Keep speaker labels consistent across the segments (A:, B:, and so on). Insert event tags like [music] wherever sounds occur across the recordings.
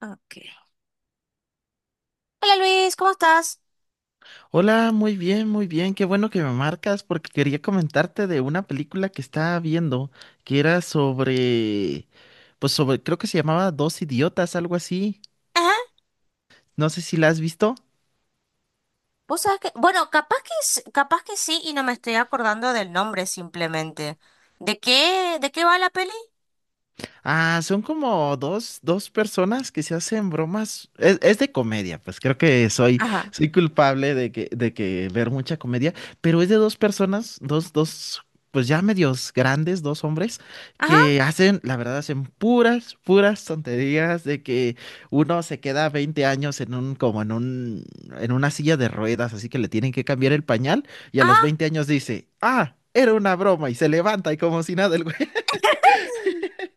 A: Ok. Hola Luis, ¿cómo estás?
B: Hola, muy bien, muy bien. Qué bueno que me marcas porque quería comentarte de una película que estaba viendo que era sobre, pues sobre, creo que se llamaba Dos Idiotas, algo así.
A: Ajá.
B: No sé si la has visto.
A: Vos sabés que, bueno, capaz que sí y no me estoy acordando del nombre simplemente. ¿De qué va la peli?
B: Ah, son como dos personas que se hacen bromas. Es de comedia, pues creo que soy,
A: Ajá,
B: soy culpable de que ver mucha comedia, pero es de dos personas, pues ya medios grandes, dos hombres,
A: ajá,
B: que hacen, la verdad, hacen puras tonterías de que uno se queda 20 años en un, como en un, en una silla de ruedas, así que le tienen que cambiar el pañal, y a los
A: ajá.
B: 20 años dice, ah, era una broma, y se levanta y como si nada el güey. [laughs]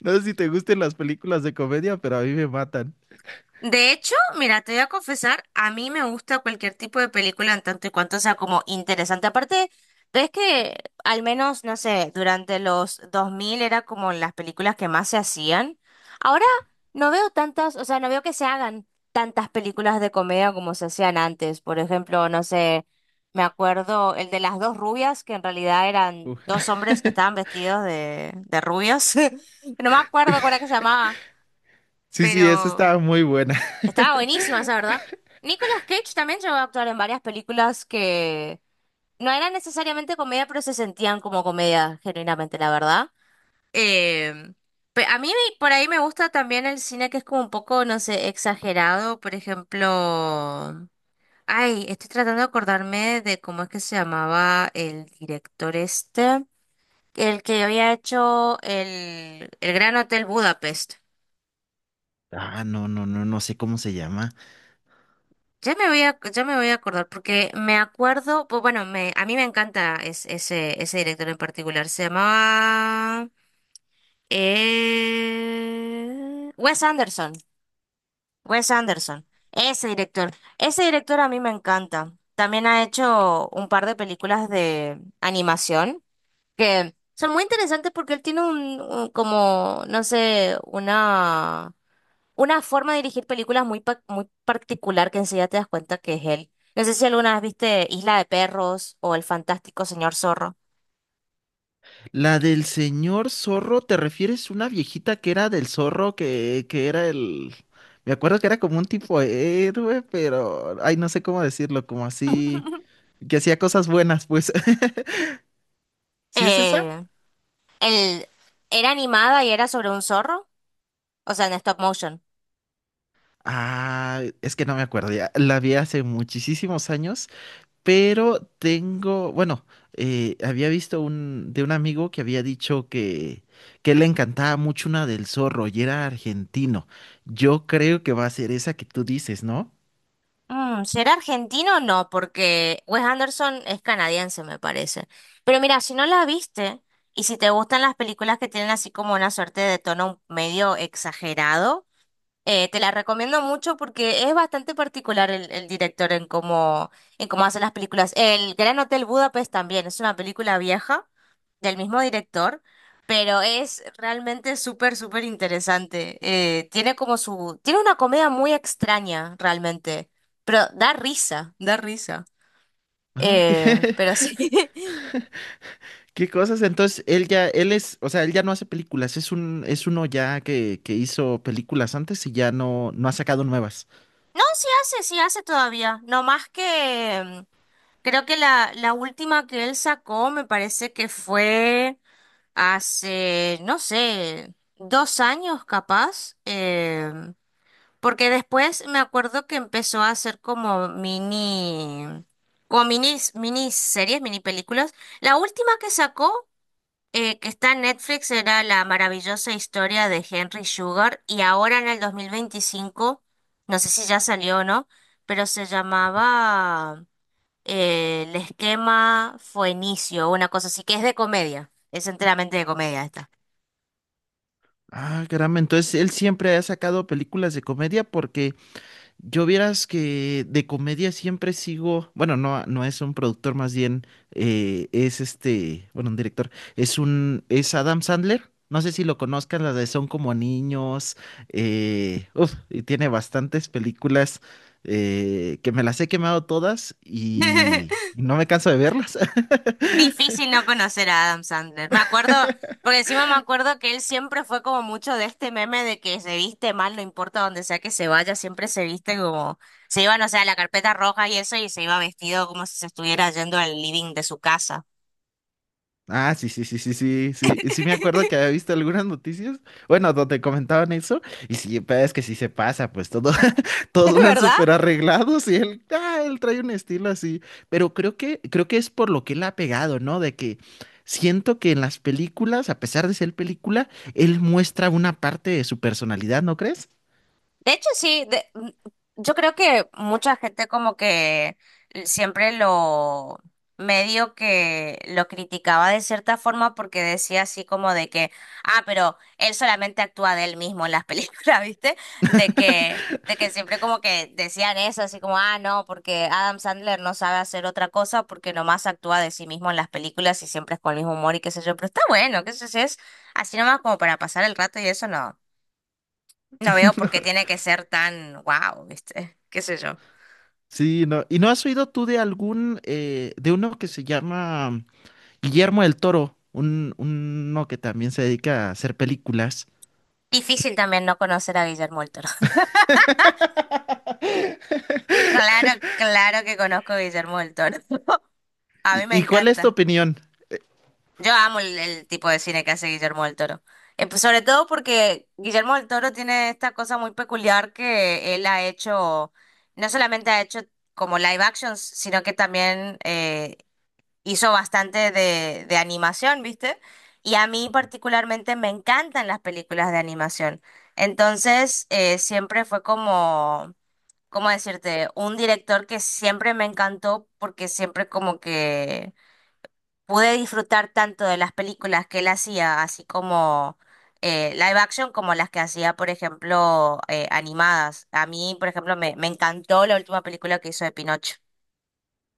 B: No sé si te gusten las películas de comedia, pero a mí me matan.
A: De hecho, mira, te voy a confesar, a mí me gusta cualquier tipo de película en tanto y cuanto sea como interesante. Aparte, es que al menos, no sé, durante los 2000 era como las películas que más se hacían. Ahora no veo tantas, o sea, no veo que se hagan tantas películas de comedia como se hacían antes. Por ejemplo, no sé, me acuerdo el de las dos rubias, que en realidad eran
B: Uf.
A: dos hombres que estaban
B: [laughs]
A: vestidos de rubios. [laughs] No me acuerdo cuál era que se llamaba,
B: Sí, sí, esa
A: pero...
B: estaba muy buena.
A: Estaba buenísima esa, ¿verdad? Nicolas Cage también llegó a actuar en varias películas que no eran necesariamente comedia, pero se sentían como comedia, genuinamente, la verdad. Eh, por ahí me gusta también el cine que es como un poco, no sé, exagerado. Por ejemplo, ay, estoy tratando de acordarme de cómo es que se llamaba el director este, el que había hecho el Gran Hotel Budapest.
B: Ah, no, no, no, no sé cómo se llama.
A: Ya me voy a acordar, porque me acuerdo, pues bueno, a mí me encanta ese director en particular. Se llamaba Wes Anderson. Wes Anderson. Ese director. Ese director a mí me encanta. También ha hecho un par de películas de animación que son muy interesantes porque él tiene como, no sé, una forma de dirigir películas muy, muy particular que enseguida te das cuenta que es él. No sé si alguna vez viste Isla de Perros o El Fantástico Señor Zorro.
B: La del señor zorro, ¿te refieres a una viejita que era del zorro, que era el... Me acuerdo que era como un tipo héroe, pero... Ay, no sé cómo decirlo, como así...
A: [laughs]
B: Que hacía cosas buenas, pues. [laughs] ¿Sí es esa?
A: Eh, el era animada y era sobre un zorro, o sea, en stop motion.
B: Ah, es que no me acuerdo ya. La vi hace muchísimos años. Pero tengo, bueno, había visto un, de un amigo que había dicho que le encantaba mucho una del Zorro y era argentino. Yo creo que va a ser esa que tú dices, ¿no?
A: Mm, ¿será argentino o no? Porque Wes Anderson es canadiense, me parece. Pero mira, si no la viste y si te gustan las películas que tienen así como una suerte de tono medio exagerado, te la recomiendo mucho porque es bastante particular el director en cómo hace las películas. El Gran Hotel Budapest también es una película vieja del mismo director, pero es realmente súper, súper interesante. Tiene como su, tiene una comedia muy extraña realmente, pero da risa, da risa.
B: Ah, [laughs] ¿Qué,
A: Pero sí. [laughs]
B: qué cosas? Entonces, él ya, él es, o sea, él ya no hace películas, es un, es uno ya que hizo películas antes y ya no, no ha sacado nuevas.
A: No, sí hace todavía. No más que creo que la última que él sacó me parece que fue. Hace, no sé, dos años capaz, porque después me acuerdo que empezó a hacer como mini, como minis, miniseries, mini películas. La última que sacó, que está en Netflix, era La maravillosa historia de Henry Sugar, y ahora en el 2025 no sé si ya salió o no, pero se llamaba El esquema fue inicio, una cosa así, que es de comedia, es enteramente de comedia esta.
B: Ah, caramba, entonces él siempre ha sacado películas de comedia porque yo vieras que de comedia siempre sigo, bueno, no, no es un productor, más bien es este, bueno, un director, es un, es Adam Sandler, no sé si lo conozcan, las de Son como niños, y tiene bastantes películas que me las he quemado todas y
A: [laughs]
B: no me canso de verlas. [laughs]
A: Difícil no conocer a Adam Sandler. Me acuerdo, porque encima me acuerdo que él siempre fue como mucho de este meme de que se viste mal, no importa donde sea que se vaya, siempre se viste como, se iba, no sé, a la carpeta roja y eso, y se iba vestido como si se estuviera yendo al living de su casa.
B: Ah, sí, sí, sí, sí, sí, sí, sí me acuerdo que había visto algunas noticias, bueno, donde comentaban eso, y sí, pero es que sí se pasa, pues todo.
A: [laughs] ¿Es
B: Todos van
A: verdad?
B: súper arreglados y él, ah, él trae un estilo así. Pero creo que es por lo que él ha pegado, ¿no? De que siento que en las películas, a pesar de ser película, él muestra una parte de su personalidad, ¿no crees?
A: De hecho, sí, yo creo que mucha gente como que siempre lo medio que lo criticaba de cierta forma porque decía así como de que, ah, pero él solamente actúa de él mismo en las películas, [laughs] ¿viste? De que siempre como que decían eso, así como, ah, no, porque Adam Sandler no sabe hacer otra cosa porque nomás actúa de sí mismo en las películas y siempre es con el mismo humor y qué sé yo, pero está bueno, qué sé yo, si es así nomás como para pasar el rato y eso no. No veo por qué tiene que ser tan wow, ¿viste? ¿Qué sé yo?
B: Sí, no. ¿Y no has oído tú de algún, de uno que se llama Guillermo del Toro, un, uno que también se dedica a hacer películas?
A: Difícil también no conocer a Guillermo del Toro. [laughs] Claro, claro que conozco a Guillermo del Toro. [laughs] A mí me
B: Y cuál es tu
A: encanta.
B: opinión?
A: Yo amo el tipo de cine que hace Guillermo del Toro. Pues, sobre todo porque Guillermo del Toro tiene esta cosa muy peculiar que él ha hecho, no solamente ha hecho como live actions, sino que también hizo bastante de animación, ¿viste? Y a mí particularmente me encantan las películas de animación. Entonces, siempre fue como, ¿cómo decirte? Un director que siempre me encantó porque siempre como que pude disfrutar tanto de las películas que él hacía, así como live action, como las que hacía, por ejemplo, animadas. A mí, por ejemplo, me encantó la última película que hizo de Pinocho.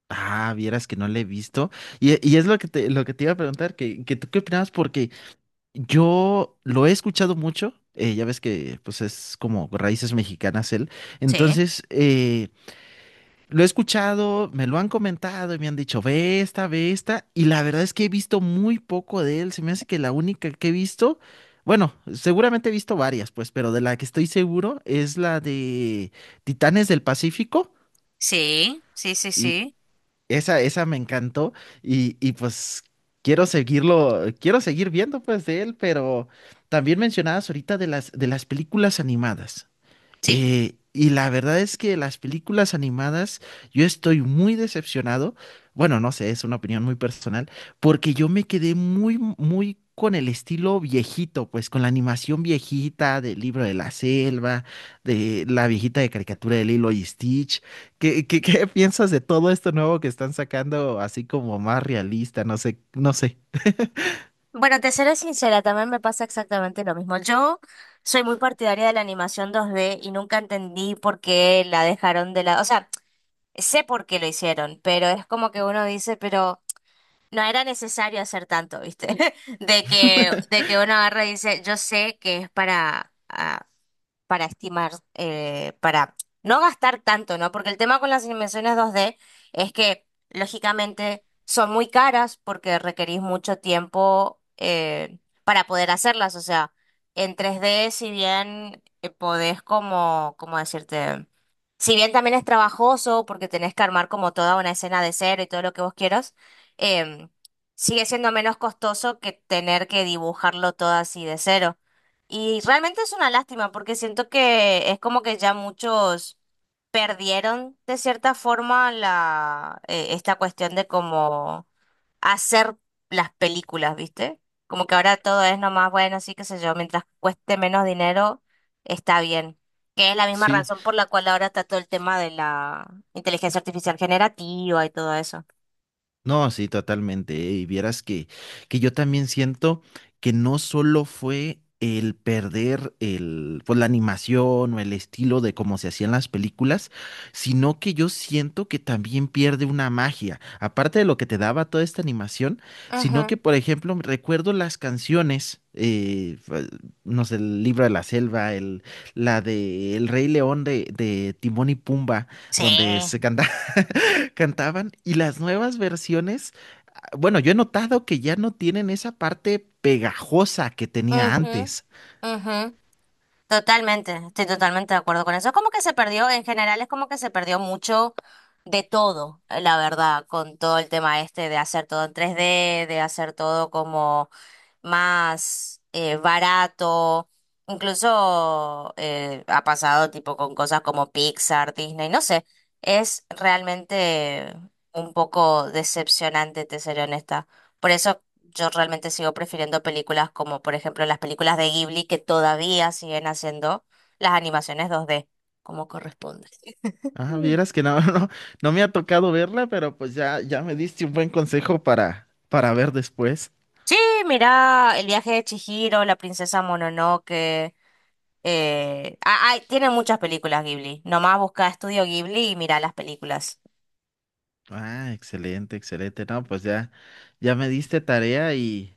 B: Ah, vieras que no le he visto. Y es lo que te iba a preguntar, que tú qué opinabas, porque yo lo he escuchado mucho, ya ves que pues es como raíces mexicanas él,
A: Sí,
B: entonces lo he escuchado, me lo han comentado y me han dicho, ve esta, y la verdad es que he visto muy poco de él, se me hace que la única que he visto, bueno, seguramente he visto varias pues, pero de la que estoy seguro es la de Titanes del Pacífico,
A: sí, sí, sí,
B: y
A: sí.
B: esa me encantó, y pues quiero seguirlo, quiero seguir viendo pues de él, pero también mencionabas ahorita de las películas animadas.
A: Sí.
B: Y la verdad es que las películas animadas, yo estoy muy decepcionado. Bueno, no sé, es una opinión muy personal, porque yo me quedé muy con el estilo viejito, pues con la animación viejita del libro de la selva, de la viejita de caricatura de Lilo y Stitch. ¿Qué, qué [laughs] piensas de todo esto nuevo que están sacando, así como más realista? No sé, no sé.
A: Bueno, te seré sincera, también me pasa exactamente lo mismo. Yo soy muy partidaria de la animación 2D y nunca entendí por qué la dejaron de lado. O sea, sé por qué lo hicieron, pero es como que uno dice, pero no era necesario hacer tanto, ¿viste? [laughs] De que uno agarra y dice, yo sé que es para, ah, para estimar, para no gastar tanto, ¿no? Porque el tema con las impresiones 2D es que, lógicamente, son muy caras porque requerís mucho tiempo para poder hacerlas. O sea, en 3D si bien podés como, ¿cómo decirte? Si bien también es trabajoso porque tenés que armar como toda una escena de cero y todo lo que vos quieras, em, sigue siendo menos costoso que tener que dibujarlo todo así de cero. Y realmente es una lástima porque siento que es como que ya muchos perdieron de cierta forma esta cuestión de cómo hacer las películas, ¿viste? Como que ahora todo es nomás, bueno, sí, qué sé yo, mientras cueste menos dinero, está bien que es la misma
B: Sí.
A: razón por la cual ahora está todo el tema de la inteligencia artificial generativa y todo eso.
B: No, sí, totalmente. Y vieras que yo también siento que no solo fue el perder el, pues, la animación o el estilo de cómo se hacían las películas, sino que yo siento que también pierde una magia, aparte de lo que te daba toda esta animación, sino que,
A: Ujú.
B: por ejemplo, recuerdo las canciones, no sé, el libro de la selva, el, la de El Rey León de Timón y Pumba,
A: Sí.
B: donde se canta- [laughs] cantaban, y las nuevas versiones bueno, yo he notado que ya no tienen esa parte pegajosa que tenía
A: Ujú,
B: antes.
A: ujú. Totalmente, estoy totalmente de acuerdo con eso. Es como que se perdió, en general es como que se perdió mucho de todo, la verdad, con todo el tema este de hacer todo en 3D de hacer todo como más barato. Incluso ha pasado tipo con cosas como Pixar, Disney, no sé. Es realmente un poco decepcionante, te seré honesta. Por eso yo realmente sigo prefiriendo películas como, por ejemplo, las películas de Ghibli que todavía siguen haciendo las animaciones 2D, como corresponde.
B: Ah,
A: Mm.
B: vieras que no, [laughs] no, no me ha tocado verla, pero pues ya, ya me diste un buen consejo para ver después.
A: Sí, mira, El viaje de Chihiro, La princesa Mononoke. Ay, tiene muchas películas Ghibli. Nomás busca Estudio Ghibli y mira las películas.
B: Ah, excelente, excelente. No, pues ya, ya me diste tarea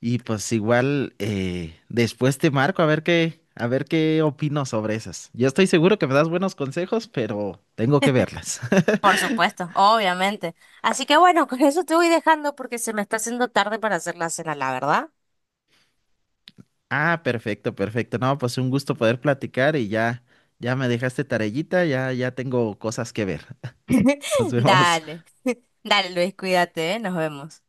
B: y pues igual después te marco a ver qué opino sobre esas. Yo estoy seguro que me das buenos consejos, pero tengo que verlas. [laughs]
A: Por supuesto, obviamente. Así que bueno, con eso te voy dejando porque se me está haciendo tarde para hacer la cena, la verdad.
B: Ah, perfecto, perfecto. No, pues un gusto poder platicar y ya, ya me dejaste tarellita, ya, ya tengo cosas que ver. [laughs] Nos
A: [laughs]
B: vemos.
A: Dale, dale Luis, cuídate, ¿eh? Nos vemos.